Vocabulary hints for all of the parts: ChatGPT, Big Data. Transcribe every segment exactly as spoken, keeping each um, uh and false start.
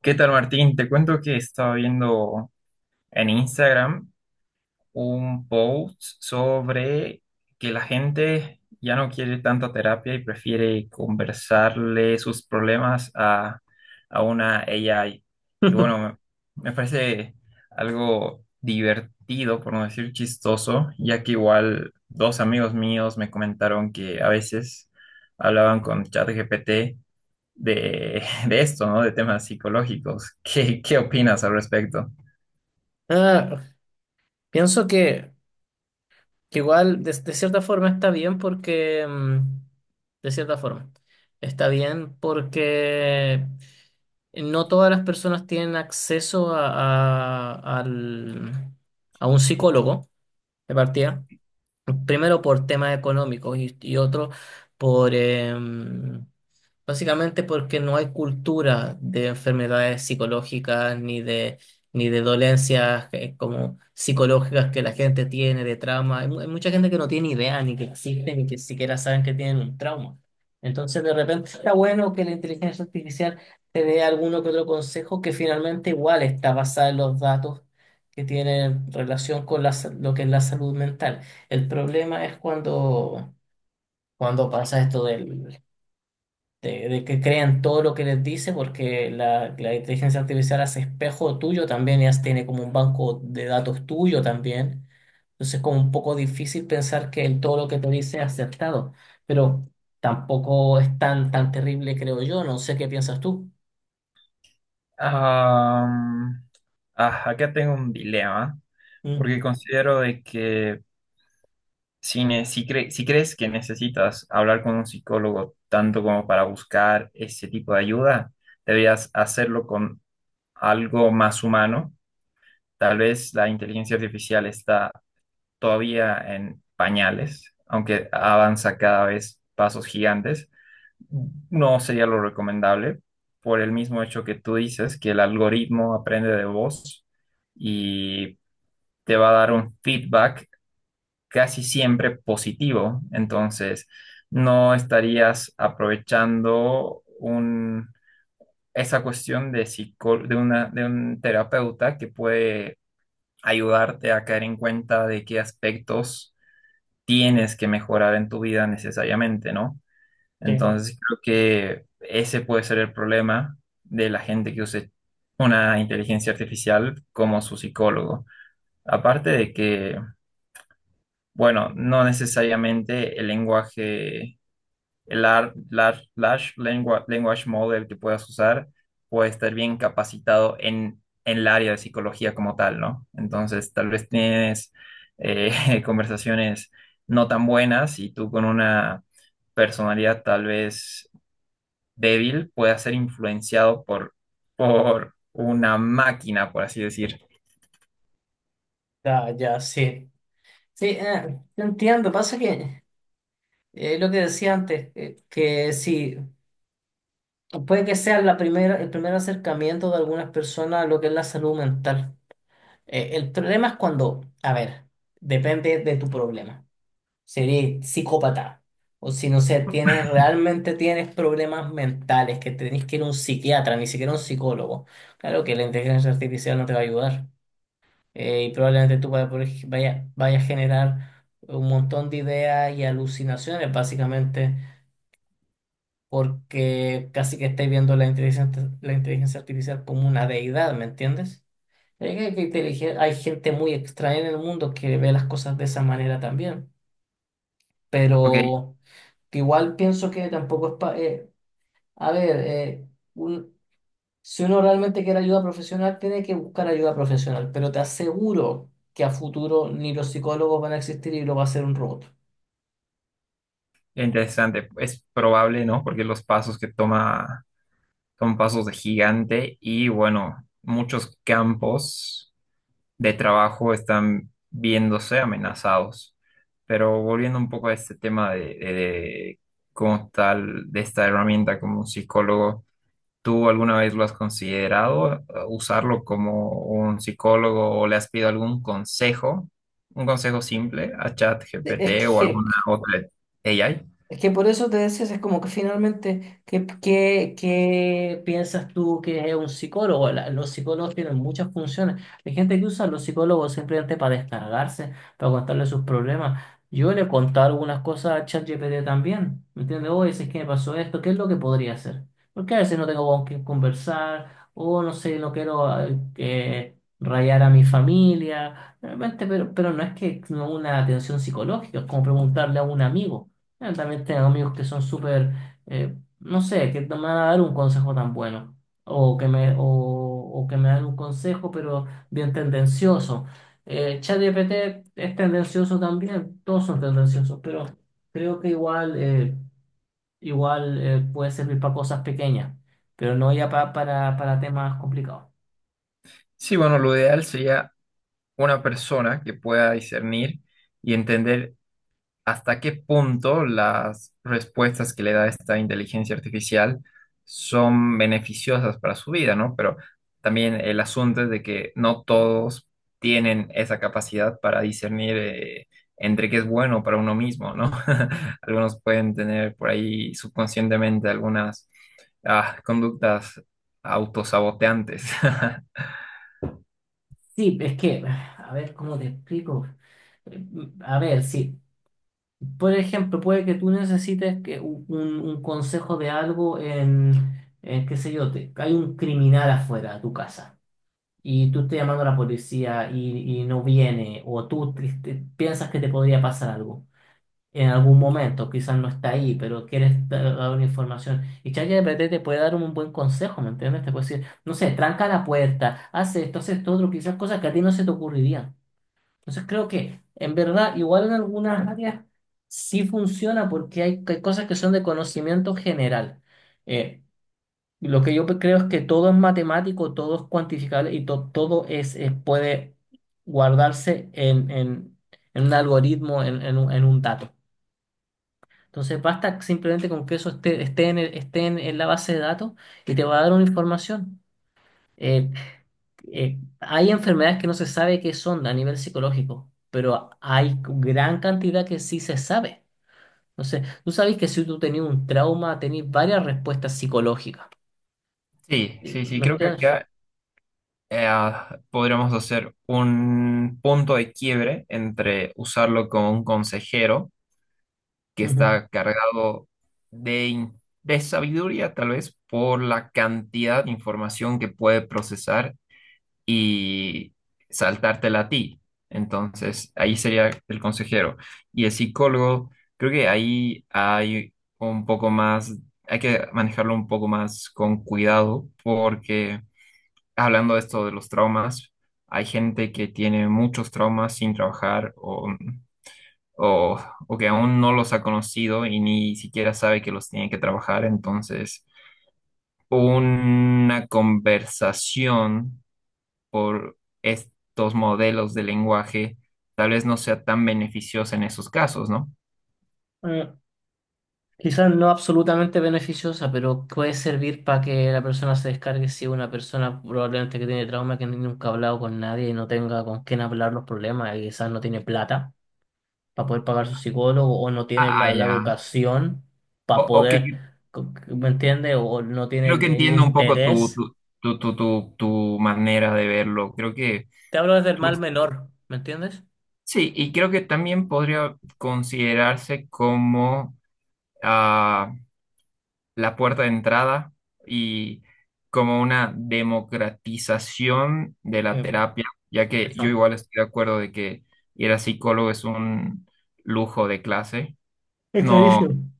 ¿Qué tal, Martín? Te cuento que estaba viendo en Instagram un post sobre que la gente ya no quiere tanta terapia y prefiere conversarle sus problemas a, a una A I. Y bueno, me me parece algo divertido, por no decir chistoso, ya que igual dos amigos míos me comentaron que a veces hablaban con ChatGPT de, de esto, ¿no? De temas psicológicos. ¿Qué, qué opinas al respecto? Ah, pienso que, que igual de, de cierta forma está bien porque, mm, de cierta forma, está bien porque no todas las personas tienen acceso a, a, al- a un psicólogo de partida. Primero por temas económicos y, y otro por, em, básicamente porque no hay cultura de enfermedades psicológicas ni de, ni de dolencias eh, como psicológicas que la gente tiene, de trauma. Hay, mu- hay mucha gente que no tiene idea ni que existen ni que siquiera saben que tienen un trauma. Entonces, de repente está bueno que la inteligencia artificial te dé alguno que otro consejo que finalmente igual está basada en los datos que tienen relación con la, sa- lo que es la salud mental. El problema es cuando, cuando pasa esto del de, de que crean todo lo que les dice, porque la, la inteligencia artificial hace espejo tuyo también, ya tiene como un banco de datos tuyo también. Entonces es como un poco difícil pensar que el- todo lo que te dice es acertado, pero tampoco es tan, tan terrible, creo yo. No sé qué piensas tú. Am, ah, Acá tengo un dilema, porque Mm, considero de que si, ne- si, cre- si crees que necesitas hablar con un psicólogo tanto como para buscar ese tipo de ayuda, deberías hacerlo con algo más humano. Tal vez la inteligencia artificial está todavía en pañales, aunque avanza cada vez pasos gigantes. No sería lo recomendable por el mismo hecho que tú dices, que el algoritmo aprende de vos y te va a dar un feedback casi siempre positivo. Entonces, no estarías aprovechando un, esa cuestión de, psico- de, una, de un terapeuta que puede ayudarte a caer en cuenta de qué aspectos tienes que mejorar en tu vida necesariamente, ¿no? sí, Entonces creo que ese puede ser el problema de la gente que use una inteligencia artificial como su psicólogo. Aparte de que, bueno, no necesariamente el lenguaje, el lar- lar- large, lengua- language model que puedas usar puede estar bien capacitado en, en el área de psicología como tal, ¿no? Entonces tal vez tienes eh, conversaciones no tan buenas y tú con una personalidad tal vez débil pueda ser influenciado por, por una máquina, por así decir. ya, ya, sí. Sí, eh, te entiendo. Pasa que eh, lo que decía antes, eh, que si puede que sea la primera, el primer acercamiento de algunas personas a lo que es la salud mental. Eh, el problema es cuando, a ver, depende de tu problema. Sería eres psicópata o si no sé, tienes realmente tienes problemas mentales que tenés que ir a un psiquiatra, ni siquiera un psicólogo. Claro que la inteligencia artificial no te va a ayudar. Eh, y probablemente tú vaya, por ej- vaya, vaya a generar un montón de ideas y alucinaciones, básicamente, porque casi que estáis viendo la inteligencia, la inteligencia artificial como una deidad, ¿me entiendes? Es que- hay que intelige- Hay gente muy extraña en el mundo que ve las cosas de esa manera también, Ok, pero que igual pienso que tampoco es pa- eh, a ver, eh, un- si uno realmente quiere ayuda profesional, tiene que buscar ayuda profesional, pero te aseguro que a futuro ni los psicólogos van a existir y lo va a hacer un robot. interesante. Es probable, ¿no? Porque los pasos que toma son pasos de gigante y bueno, muchos campos de trabajo están viéndose amenazados. Pero volviendo un poco a este tema de, de- de cómo tal, de esta herramienta como un psicólogo. ¿Tú alguna vez lo has considerado eh, usarlo como un psicólogo o le has pedido algún consejo, un consejo simple a Es ChatGPT o que alguna otra A I? Es que por eso te decías, es como que finalmente, ¿qué, qué, qué piensas tú que es un psicólogo? La- los psicólogos tienen muchas funciones. Hay gente que usa a los psicólogos simplemente para descargarse, para contarle sus problemas. Yo le he contado algunas cosas a ChatGPT también, ¿me entiendes? Oye, si es que me pasó esto, ¿qué es lo que podría hacer? Porque a veces no tengo con quién conversar, o no sé, no quiero eh, que rayar a mi familia, realmente, pero, pero no es que no una atención psicológica, es como preguntarle a un amigo. Yo también tengo amigos que son súper, eh, no sé, que no me van a dar un consejo tan bueno. O que me, o, o que me dan un consejo, pero bien tendencioso. Eh, ChatGPT es tendencioso también, todos son tendenciosos, pero creo que igual, eh, igual eh, puede servir para cosas pequeñas, pero no ya pa- para, para temas complicados. Sí, bueno, lo ideal sería una persona que pueda discernir y entender hasta qué punto las respuestas que le da esta inteligencia artificial son beneficiosas para su vida, ¿no? Pero también el asunto es de que no todos tienen esa capacidad para discernir eh, entre qué es bueno para uno mismo, ¿no? Algunos pueden tener por ahí subconscientemente algunas ah, conductas autosaboteantes. Sí, es que, a ver, ¿cómo te explico? Eh, A ver, sí. Por ejemplo, puede que tú necesites que u- un, un consejo de algo en, en, qué sé yo, te, hay un criminal afuera de tu casa y tú estás llamando a la policía y, y no viene, o tú te- te- piensas que te podría pasar algo en algún momento, quizás no está ahí, pero quieres dar dar una información. Y ChatGPT te puede dar un buen consejo, ¿me entiendes? Te puede decir, no sé, tranca la puerta, haz esto, haz esto, otro, quizás cosas que a ti no se te ocurrirían. Entonces creo que en verdad igual en algunas áreas sí funciona porque hay, hay cosas que son de conocimiento general. Eh, lo que yo pe- Creo es que todo es matemático, todo es cuantificable y to- todo es, eh, puede guardarse en, en, en un algoritmo, en, en un, en un dato. Entonces basta simplemente con que eso esté, esté en el- esté en, en la base de datos y te va a dar una información. Eh, eh, Hay enfermedades que no se sabe qué son a nivel psicológico, pero hay gran cantidad que sí se sabe. Entonces, tú sabes que si tú tenías un trauma, tenías varias respuestas psicológicas. Sí, Eh, sí, sí, ¿Me creo que entiendes? acá eh, podríamos hacer un punto de quiebre entre usarlo como un consejero que Ujú. está cargado de, in- de sabiduría, tal vez por la cantidad de información que puede procesar y saltártela a ti. Entonces, ahí sería el consejero. Y el psicólogo, creo que ahí hay un poco más, hay que manejarlo un poco más con cuidado porque hablando de esto de los traumas, hay gente que tiene muchos traumas sin trabajar o, o, o que aún no los ha conocido y ni siquiera sabe que los tiene que trabajar. Entonces, una conversación por estos modelos de lenguaje tal vez no sea tan beneficiosa en esos casos, ¿no? Eh, Quizás no absolutamente beneficiosa, pero puede servir para que la persona se descargue si es una persona probablemente que tiene trauma, que nunca ha hablado con nadie y no tenga con quién hablar los problemas y quizás no tiene plata para poder pagar su psicólogo o no tiene Ah, la, la ya. educación O, para o que poder, co- ¿me entiendes? O no tiene creo el, que el entiendo un poco tu, interés. tu, tu, tu, tu tu manera de verlo. Creo que Te hablo desde el tú mal menor, ¿me entiendes? sí, y creo que también podría considerarse como ah, la puerta de entrada y como una democratización de Sí. la terapia, ya que yo Eso. igual estoy de acuerdo de que ir a psicólogo es un lujo de clase. Es No clarísimo.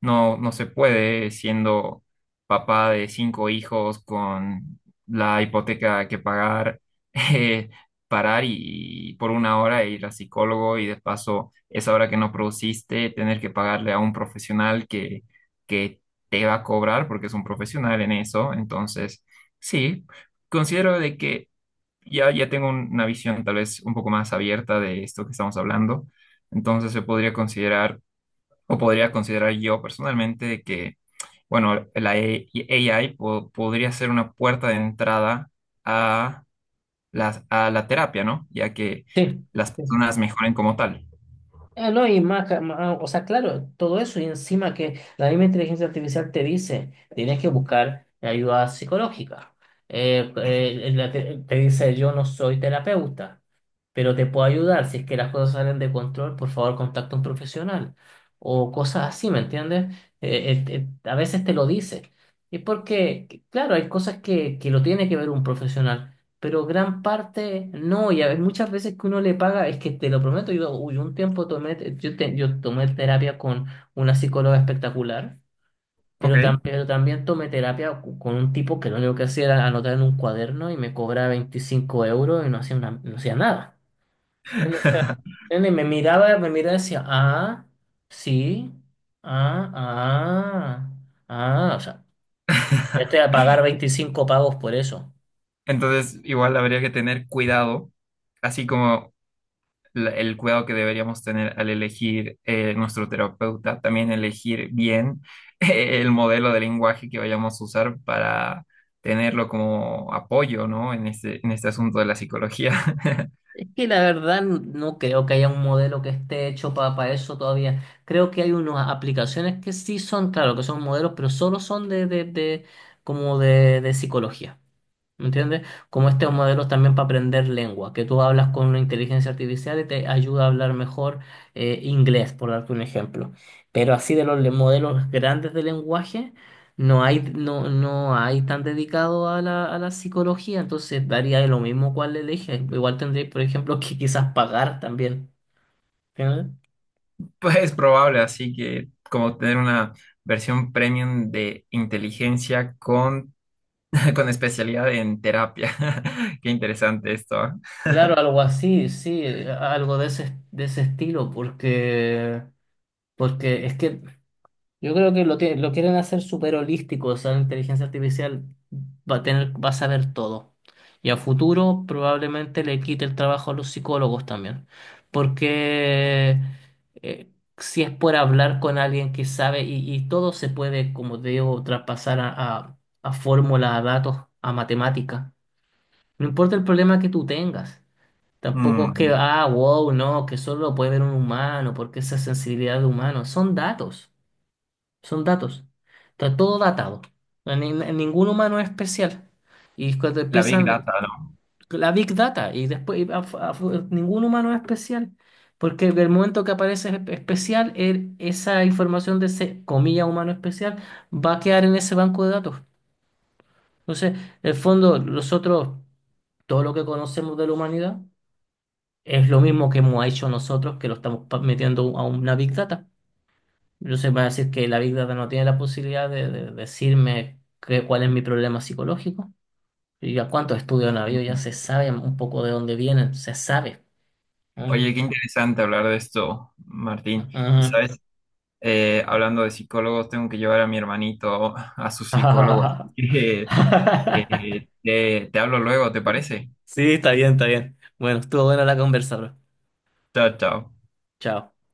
no, no se puede siendo papá de cinco hijos con la hipoteca que pagar, eh, parar y, y por una hora ir al psicólogo y de paso esa hora que no produciste tener que pagarle a un profesional que, que te va a cobrar porque es un profesional en eso. Entonces, sí, considero de que ya, ya tengo un- una visión tal vez un poco más abierta de esto que estamos hablando. Entonces se podría considerar o podría considerar yo personalmente de que, bueno, la E- A I po- podría ser una puerta de entrada a las- a la terapia, ¿no? Ya que Sí. las personas mejoren como tal. Eh, no, y más, ca- ma- ah, O sea, claro, todo eso y encima que la misma inteligencia artificial te dice, tienes que buscar ayuda psicológica. Eh, eh, la te, te dice, yo no soy terapeuta, pero te puedo ayudar. Si es que las cosas salen de control, por favor, contacta a un profesional. O cosas así, ¿me entiendes? Eh, eh, eh, a veces te lo dice. Y porque, claro, hay cosas que, que lo tiene que ver un profesional pero gran parte no, y a veces, muchas veces que uno le paga, es que te lo prometo, yo hubo un tiempo tomé, te- yo, te- yo tomé terapia con una psicóloga espectacular, pero, tam- Ok. pero también tomé terapia cu- con un tipo que lo único que hacía era anotar en un cuaderno y me cobraba veinticinco euros y no hacía, una- no hacía nada. ¿Entiendes? O sea, ¿entiendes? me miraba, me miraba y decía, ah, sí, ah, ah, ah, o sea, ya estoy a pagar veinticinco pagos por eso. Entonces, igual habría que tener cuidado, así como la- el cuidado que deberíamos tener al elegir eh, nuestro terapeuta, también elegir bien el modelo de lenguaje que vayamos a usar para tenerlo como apoyo, ¿no? En este, en este asunto de la psicología. Es que la verdad no creo que haya un modelo que esté hecho para, eso todavía. Creo que hay unas aplicaciones que sí son, claro, que son modelos, pero solo son de, de, de- como de, de psicología. ¿Me entiendes? Como estos modelos también para aprender lengua, que tú hablas con una inteligencia artificial y te ayuda a hablar mejor eh, inglés, por darte un ejemplo. Pero así de los le- modelos grandes de lenguaje, no hay, no, no hay tan dedicado a la, a la psicología, entonces daría lo mismo cuál elige. Igual tendréis, por ejemplo, que quizás pagar también. ¿Entiendes? Pues es probable, así que como tener una versión premium de inteligencia con, con especialidad en terapia. Qué interesante esto, ¿eh? Claro, algo así, sí, algo de ese, de ese estilo, porque... Porque es que yo creo que lo, tie- lo quieren hacer súper holístico, o sea, la inteligencia artificial va a tener, va a saber todo. Y a futuro probablemente le quite el trabajo a los psicólogos también. Porque eh, si es por hablar con alguien que sabe y, y todo se puede, como te digo, traspasar a, a, a fórmulas, a datos, a matemática. No importa el problema que tú tengas. Tampoco es que, Mm, ah, wow, no, que solo lo puede ver un humano, porque esa sensibilidad de humano. Son datos. Son datos. Está todo datado. Ni- ni- ningún humano es especial. Y cuando la Big empiezan Data, ¿no? la Big Data, y después y a- a- ningún humano es especial. Porque el momento que aparece espe- especial, el- esa información de ese, comilla, humano especial, va a quedar en ese banco de datos. Entonces, en el fondo, nosotros, todo lo que conocemos de la humanidad, es lo mismo que hemos hecho nosotros, que lo estamos pa- metiendo a una Big Data. Yo sé, va a decir que la Big Data no tiene la posibilidad de, de decirme qué- cuál es mi problema psicológico. Y a cuántos estudios han habido, ya Mm. se sabe un poco de dónde vienen, se sabe. Mm, Oye, qué interesante hablar de esto, Martín. Y ujú. sabes, eh, hablando de psicólogos, tengo que llevar a mi hermanito a su psicólogo. Así que eh, te, te hablo luego, ¿te parece? Sí, está bien, está bien. Bueno, estuvo buena la conversa, bro. Chao, chao. Chao.